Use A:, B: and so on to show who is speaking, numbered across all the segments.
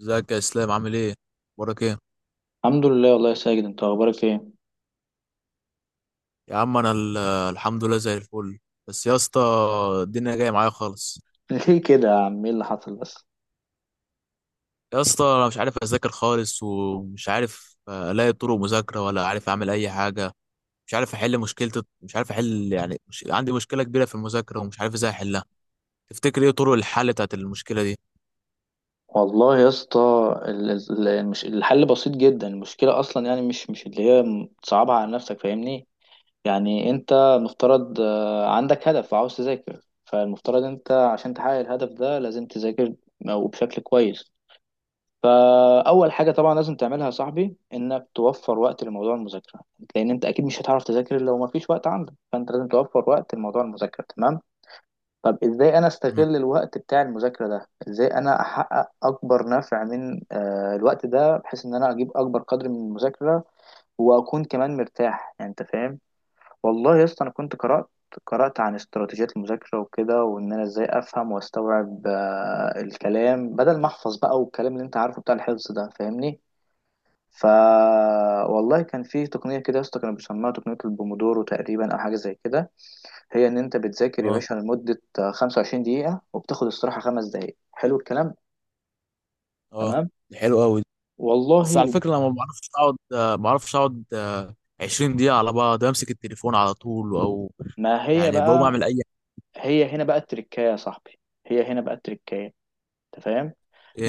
A: ازيك يا اسلام؟ عامل ايه؟ اخبارك ايه؟
B: الحمد لله والله يا ساجد انت اخبارك ايه؟
A: يا عم انا الحمد لله زي الفل. بس يا اسطى الدنيا جايه معايا خالص.
B: ليه كده يا عم؟ ايه اللي حصل بس؟
A: يا اسطى انا مش عارف اذاكر خالص ومش عارف الاقي طرق مذاكره ولا عارف اعمل اي حاجه. مش عارف احل مشكله. مش عارف احل، يعني مش، عندي مشكله كبيره في المذاكره ومش عارف ازاي احلها. تفتكر ايه طرق الحل بتاعت المشكله دي؟
B: والله يا اسطى، الحل بسيط جدا. المشكله اصلا يعني مش اللي هي تصعبها على نفسك، فاهمني؟ يعني انت مفترض، عندك هدف وعاوز تذاكر، فالمفترض انت عشان تحقق الهدف ده لازم تذاكر وبشكل كويس. فاول حاجه طبعا لازم تعملها يا صاحبي انك توفر وقت لموضوع المذاكره، لان انت اكيد مش هتعرف تذاكر لو ما فيش وقت عندك، فانت لازم توفر وقت لموضوع المذاكره، تمام؟ طب ازاي انا
A: مم.
B: استغل الوقت بتاع المذاكرة ده؟ ازاي انا احقق اكبر نفع من الوقت ده بحيث ان انا اجيب اكبر قدر من المذاكرة واكون كمان مرتاح، يعني انت فاهم. والله يا اسطى انا كنت قرأت عن استراتيجيات المذاكرة وكده، وان انا ازاي افهم واستوعب الكلام بدل ما احفظ بقى، والكلام اللي انت عارفه بتاع الحفظ ده، فاهمني؟ ف والله كان في تقنية كده يا اسطى كانوا بيسموها تقنية البومودورو تقريبا، او حاجة زي كده. هي ان انت بتذاكر يا
A: اه،
B: باشا لمدة 25 دقيقة وبتاخد استراحة خمس دقايق، حلو الكلام؟
A: اه،
B: تمام.
A: دي حلوه قوي. بس
B: والله
A: على فكره انا ما بعرفش اقعد 20 دقيقه على بعض، امسك التليفون على طول، او
B: ما هي
A: يعني بقوم
B: بقى،
A: اعمل
B: هي هنا بقى التركاية يا صاحبي، هي هنا بقى التركاية، انت فاهم؟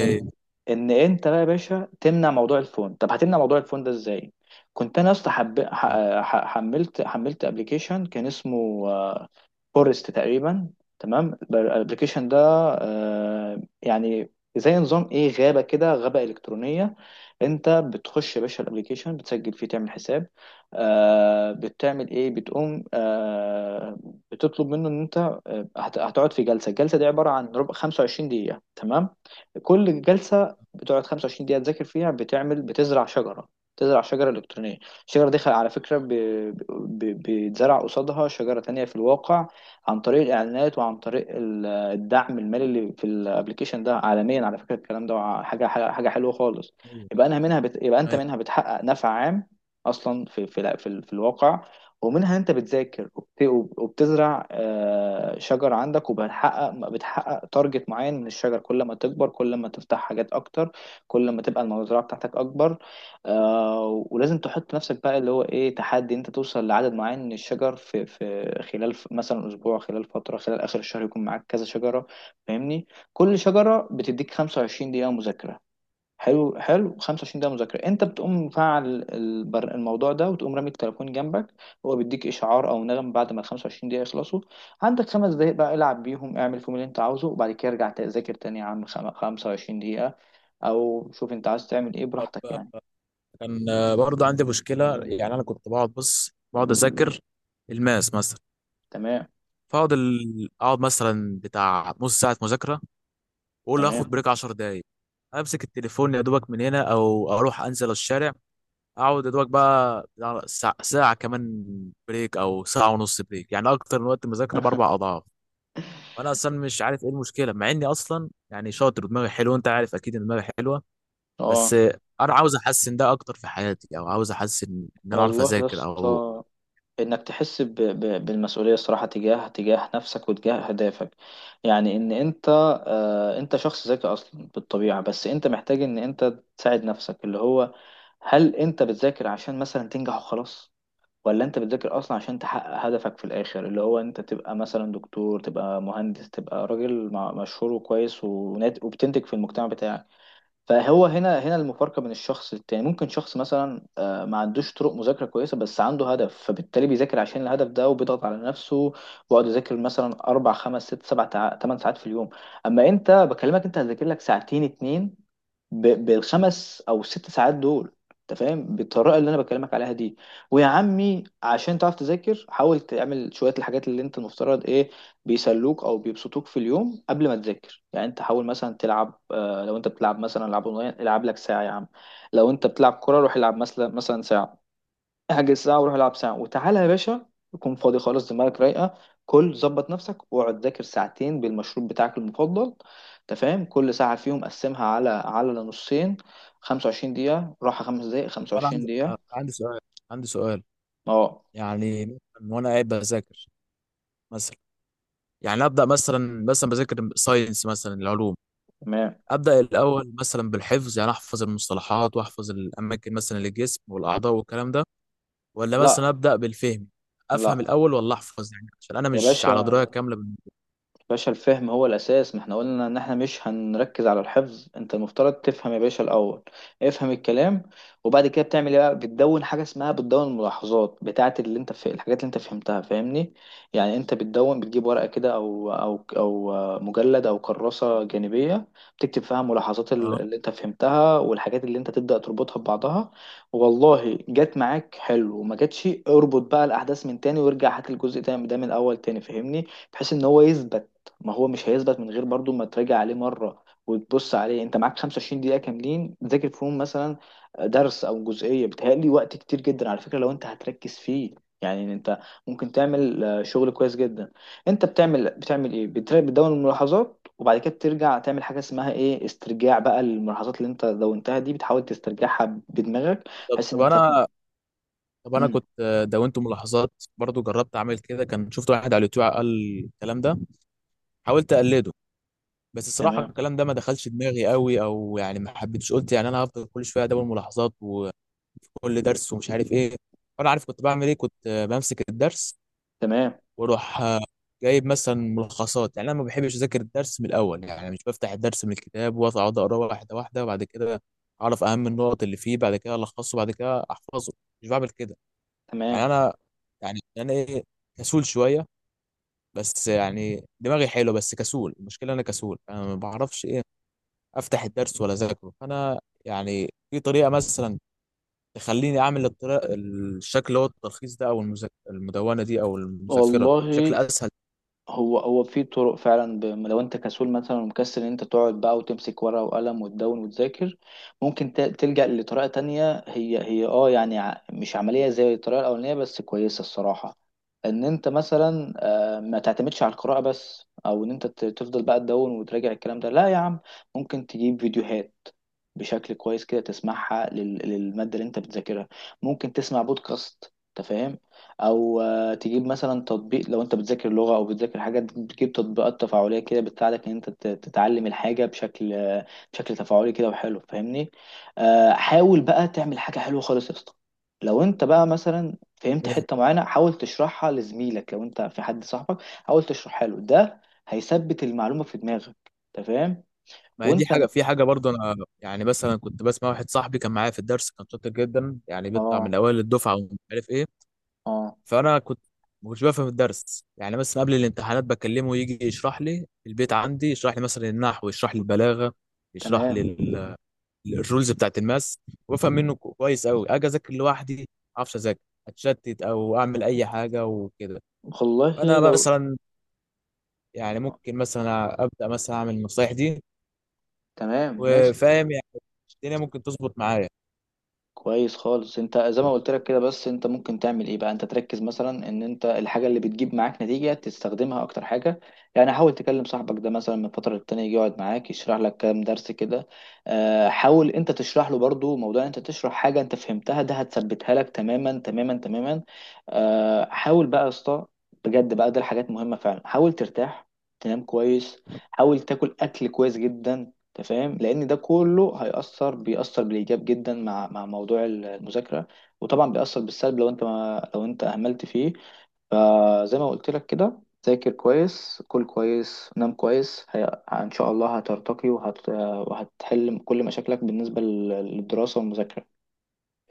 B: ان ان انت بقى يا باشا تمنع موضوع الفون. طب هتمنع موضوع الفون ده ازاي؟ كنت انا اصلا حملت ابلكيشن كان اسمه فورست تقريبا. تمام، الابلكيشن ده يعني زي نظام ايه، غابه كده، غابه الكترونيه. انت بتخش يا باشا الابلكيشن، بتسجل فيه، تعمل حساب. بتعمل ايه، بتقوم بتطلب منه ان انت هتقعد في جلسه، الجلسه دي عباره عن ربع 25 دقيقه، تمام؟ كل جلسه بتقعد 25 دقيقه تذاكر فيها، بتزرع شجره، تزرع شجره الكترونيه. الشجره دي على فكره، بيتزرع قصادها شجره تانية في الواقع عن طريق الاعلانات وعن طريق الدعم المالي اللي في الابلكيشن ده عالميا. على فكره الكلام ده حاجه حاجه حاجة حلوه خالص.
A: ايوه،
B: يبقى انت
A: ايوه.
B: منها بتحقق نفع عام اصلا في في الواقع، ومنها وبتزرع شجر عندك، بتحقق تارجت معين من الشجر. كل ما تكبر كل ما تفتح حاجات اكتر، كل ما تبقى المزرعه بتاعتك اكبر. ولازم تحط نفسك بقى اللي هو ايه، تحدي، انت توصل لعدد معين من الشجر في في خلال مثلا اسبوع، خلال فتره، خلال اخر الشهر يكون معاك كذا شجره، فاهمني؟ كل شجره بتديك 25 دقيقه مذاكره. حلو، حلو. 25 دقيقه مذاكره، انت بتقوم مفعل الموضوع ده وتقوم رامي التليفون جنبك. هو بيديك اشعار او نغم بعد ما ال 25 دقيقه يخلصوا، عندك خمس دقايق بقى العب بيهم، اعمل فيهم اللي انت عاوزه، وبعد كده ارجع تذاكر تاني يا عم، 25 دقيقه، او شوف انت عايز تعمل ايه
A: طب
B: براحتك يعني.
A: كان برضه عندي مشكله، يعني انا كنت بقعد بص بقعد اذاكر الماس مثلا،
B: تمام.
A: فاقعد اقعد مثلا بتاع نص ساعه مذاكره، واقول هاخد
B: تمام.
A: بريك 10 دقائق، امسك التليفون يا دوبك من هنا او اروح انزل الشارع، اقعد يا دوبك بقى بتاع ساعه ساعة كمان بريك، او ساعه ونص بريك، يعني اكتر من وقت المذاكره باربع اضعاف. وانا اصلا مش عارف ايه المشكله، مع اني اصلا يعني شاطر ودماغي حلوه، انت عارف اكيد ان دماغي حلوه. بس
B: اه.
A: انا عاوز احسن ده اكتر في حياتي، او عاوز احسن ان انا اعرف
B: والله يا
A: اذاكر او.
B: اسطى، انك تحس بالمسؤوليه الصراحه تجاه نفسك وتجاه اهدافك، يعني ان انت انت شخص ذكي اصلا بالطبيعه، بس انت محتاج ان انت تساعد نفسك. اللي هو هل انت بتذاكر عشان مثلا تنجح وخلاص، ولا انت بتذاكر اصلا عشان تحقق هدفك في الاخر، اللي هو انت تبقى مثلا دكتور، تبقى مهندس، تبقى راجل مشهور وكويس وبتنتج في المجتمع بتاعك. فهو هنا المفارقة بين الشخص للتاني. ممكن شخص مثلا ما عندوش طرق مذاكرة كويسة، بس عنده هدف، فبالتالي بيذاكر عشان الهدف ده وبيضغط على نفسه، ويقعد يذاكر مثلا أربع خمس ست سبع تمن ساعات في اليوم. أما أنت بكلمك، أنت هتذاكر لك ساعتين اتنين بالخمس او ست ساعات دول، انت فاهم؟ بالطريقه اللي انا بكلمك عليها دي، ويا عمي عشان تعرف تذاكر حاول تعمل شويه الحاجات اللي انت المفترض ايه، بيسلوك او بيبسطوك في اليوم قبل ما تذاكر. يعني انت حاول مثلا تلعب، لو انت بتلعب مثلا العاب اونلاين، العب لك ساعه يا عم. لو انت بتلعب كوره، روح العب مثلا ساعه، احجز ساعة وروح العب ساعة وتعالى يا باشا، يكون فاضي خالص دماغك رايقة. كل ظبط نفسك واقعد ذاكر ساعتين بالمشروب بتاعك المفضل، انت فاهم؟ كل ساعة فيهم قسمها على نصين، 25 دقيقة راحة خمس دقايق
A: وانا
B: 25 دقيقة.
A: عندي سؤال. عندي سؤال.
B: اه.
A: يعني مثلا وانا قاعد بذاكر مثلا. يعني ابدا مثلا بذاكر ساينس مثلا، العلوم.
B: تمام.
A: ابدا الاول مثلا بالحفظ، يعني احفظ المصطلحات واحفظ الاماكن مثلا للجسم والاعضاء والكلام ده، ولا مثلا
B: لا
A: ابدا بالفهم؟ افهم
B: لا
A: الاول ولا احفظ؟ يعني عشان انا
B: يا
A: مش على
B: باشا،
A: درايه كامله بال-.
B: باشا الفهم هو الأساس. ما احنا قلنا إن احنا مش هنركز على الحفظ، انت المفترض تفهم يا باشا الأول، افهم الكلام، وبعد كده بتعمل ايه بقى، بتدون حاجة اسمها، بتدون الملاحظات بتاعة اللي انت في الحاجات اللي انت فهمتها، فاهمني؟ يعني انت بتدون، بتجيب ورقة كده أو أو أو مجلد أو كراسة جانبية، بتكتب فيها ملاحظات
A: اه.
B: اللي انت فهمتها والحاجات اللي انت تبدأ تربطها ببعضها. والله جت معاك حلو، وما جاتش اربط بقى الأحداث من تاني وارجع هات الجزء ده من الأول تاني، فاهمني؟ بحيث ان هو يثبت، ما هو مش هيثبت من غير برضو ما تراجع عليه مرة وتبص عليه. انت معاك 25 دقيقة كاملين تذاكر فيهم مثلا درس او جزئية، بتهيألي وقت كتير جدا على فكرة لو انت هتركز فيه. يعني انت ممكن تعمل شغل كويس جدا. انت بتعمل ايه، بتدون الملاحظات، وبعد كده بترجع تعمل حاجة اسمها ايه، استرجاع بقى الملاحظات اللي انت دونتها دي، بتحاول تسترجعها بدماغك،
A: طب
B: بحيث ان
A: طب
B: انت
A: انا طب انا
B: مم.
A: كنت دونت ملاحظات برضو، جربت اعمل كده، كان شفت واحد على اليوتيوب قال الكلام ده، حاولت اقلده، بس الصراحه
B: تمام.
A: الكلام ده ما دخلش دماغي قوي، او يعني ما حبيتش، قلت يعني انا هفضل كل شويه ادون ملاحظات وكل درس ومش عارف ايه. وانا عارف كنت بعمل ايه، كنت بمسك الدرس،
B: تمام.
A: واروح جايب مثلا ملخصات، يعني انا ما بحبش اذاكر الدرس من الاول، يعني مش بفتح الدرس من الكتاب واقعد اقراه واحده واحده وبعد كده اعرف اهم النقط اللي فيه، بعد كده الخصه، بعد كده احفظه. مش بعمل كده.
B: تمام.
A: يعني انا يعني انا ايه؟ كسول شويه. بس يعني دماغي حلو بس كسول، المشكله انا كسول، انا ما بعرفش ايه افتح الدرس ولا اذاكره. فانا يعني في طريقه مثلا تخليني اعمل الطريقه، الشكل اللي هو التلخيص ده، او المدونه دي، او المذكره بشكل
B: والله
A: اسهل؟
B: هو في طرق فعلا، لو انت كسول مثلا ومكسل ان انت تقعد بقى وتمسك ورقة وقلم وتدون وتذاكر، ممكن تلجأ لطريقة تانية، هي اه يعني مش عملية زي الطريقة الأولانية بس كويسة الصراحة. ان انت مثلا ما تعتمدش على القراءة بس، او ان انت تفضل بقى تدون وتراجع الكلام ده. لا يا عم، ممكن تجيب فيديوهات بشكل كويس كده تسمعها للمادة اللي انت بتذاكرها، ممكن تسمع بودكاست، انت فاهم، او تجيب مثلا تطبيق، لو انت بتذاكر لغة او بتذاكر حاجة تجيب تطبيقات تفاعلية كده بتساعدك ان انت تتعلم الحاجة بشكل تفاعلي كده وحلو، فاهمني؟ حاول بقى تعمل حاجة حلوة خالص يا اسطى، لو انت بقى مثلا فهمت حتة معينة حاول تشرحها لزميلك، لو انت في حد صاحبك حاول تشرحها له، ده هيثبت المعلومة في دماغك، انت فاهم؟
A: ما هي دي
B: وانت.
A: حاجه. في حاجه برضه انا يعني مثلا كنت بسمع واحد صاحبي كان معايا في الدرس، كان شاطر جدا، يعني بيطلع
B: اه.
A: من اوائل الدفعه ومش عارف ايه.
B: اه.
A: فانا كنت ما كنتش بفهم الدرس، يعني مثلا قبل الامتحانات بكلمه يجي يشرح لي البيت عندي، يشرح لي مثلا النحو، يشرح لي البلاغه، يشرح لي
B: تمام.
A: الرولز بتاعت الماس، وافهم منه كويس قوي، اجي اذاكر لوحدي ما اعرفش اذاكر، اتشتت او اعمل اي حاجه وكده. فانا
B: والله لو،
A: مثلا يعني
B: آه،
A: ممكن مثلا ابدا مثلا اعمل النصايح دي،
B: تمام ماشي.
A: وفاهم يعني الدنيا ممكن تظبط معايا.
B: كويس خالص انت زي ما قلت لك كده، بس انت ممكن تعمل ايه بقى، انت تركز مثلا ان انت الحاجه اللي بتجيب معاك نتيجه تستخدمها اكتر حاجه. يعني حاول تكلم صاحبك ده مثلا من فتره للتانيه يجي يقعد معاك يشرح لك كام درس كده. اه، حاول انت تشرح له برضو، موضوع ان انت تشرح حاجه انت فهمتها ده هتثبتها لك تماما تماما تماما. اه، حاول بقى يا اسطى بجد بقى، ده الحاجات مهمه فعلا. حاول ترتاح، تنام كويس، حاول تاكل اكل كويس جدا، انت فاهم؟ لان ده كله هيأثر، بيأثر بالإيجاب جدا مع موضوع المذاكرة، وطبعا بيأثر بالسلب لو انت ما لو انت أهملت فيه. فزي ما قلت لك كده، ذاكر كويس، كل كويس، نام كويس. ان شاء الله هترتقي وهتحل كل مشاكلك بالنسبة للدراسة والمذاكرة،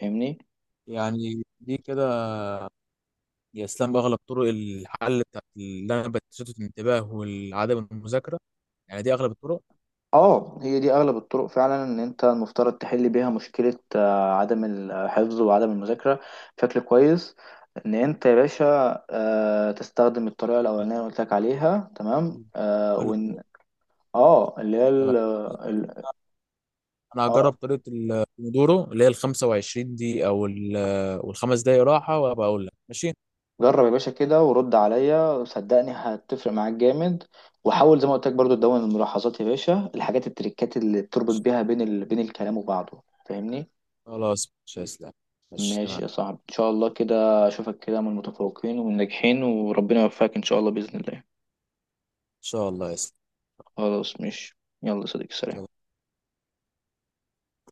B: فاهمني؟
A: يعني دي كده يا اسلام اغلب طرق الحل بتاعت اللي انا بتشتت الانتباه والعدم المذاكره؟ يعني دي اغلب الطرق؟
B: اه، هي دي اغلب الطرق فعلا ان انت المفترض تحل بيها مشكلة عدم الحفظ وعدم المذاكرة بشكل كويس. ان انت يا باشا تستخدم الطريقة الاولانية اللي قلت لك عليها، تمام؟
A: الاتنين؟
B: وان، اه، اللي هي
A: تمام.
B: ال-
A: انا
B: اه.
A: هجرب طريقه البومودورو اللي هي ال 25 دي، او ال-، والخمس دقايق راحه، وابقى اقول لك ماشي.
B: جرب يا باشا كده ورد عليا، صدقني هتفرق معاك جامد. وحاول زي ما قلت لك برضو تدون الملاحظات يا باشا، الحاجات التريكات اللي بتربط بيها بين بين الكلام وبعضه، فاهمني؟
A: خلاص، مش هيسلم. ماشي، تمام.
B: ماشي
A: ان
B: يا صاحبي، ان شاء الله كده اشوفك كده من المتفوقين والناجحين، وربنا يوفقك ان شاء الله باذن الله.
A: شاء الله يسلم.
B: خلاص ماشي، يلا يا صديقي، سلام.
A: سلام.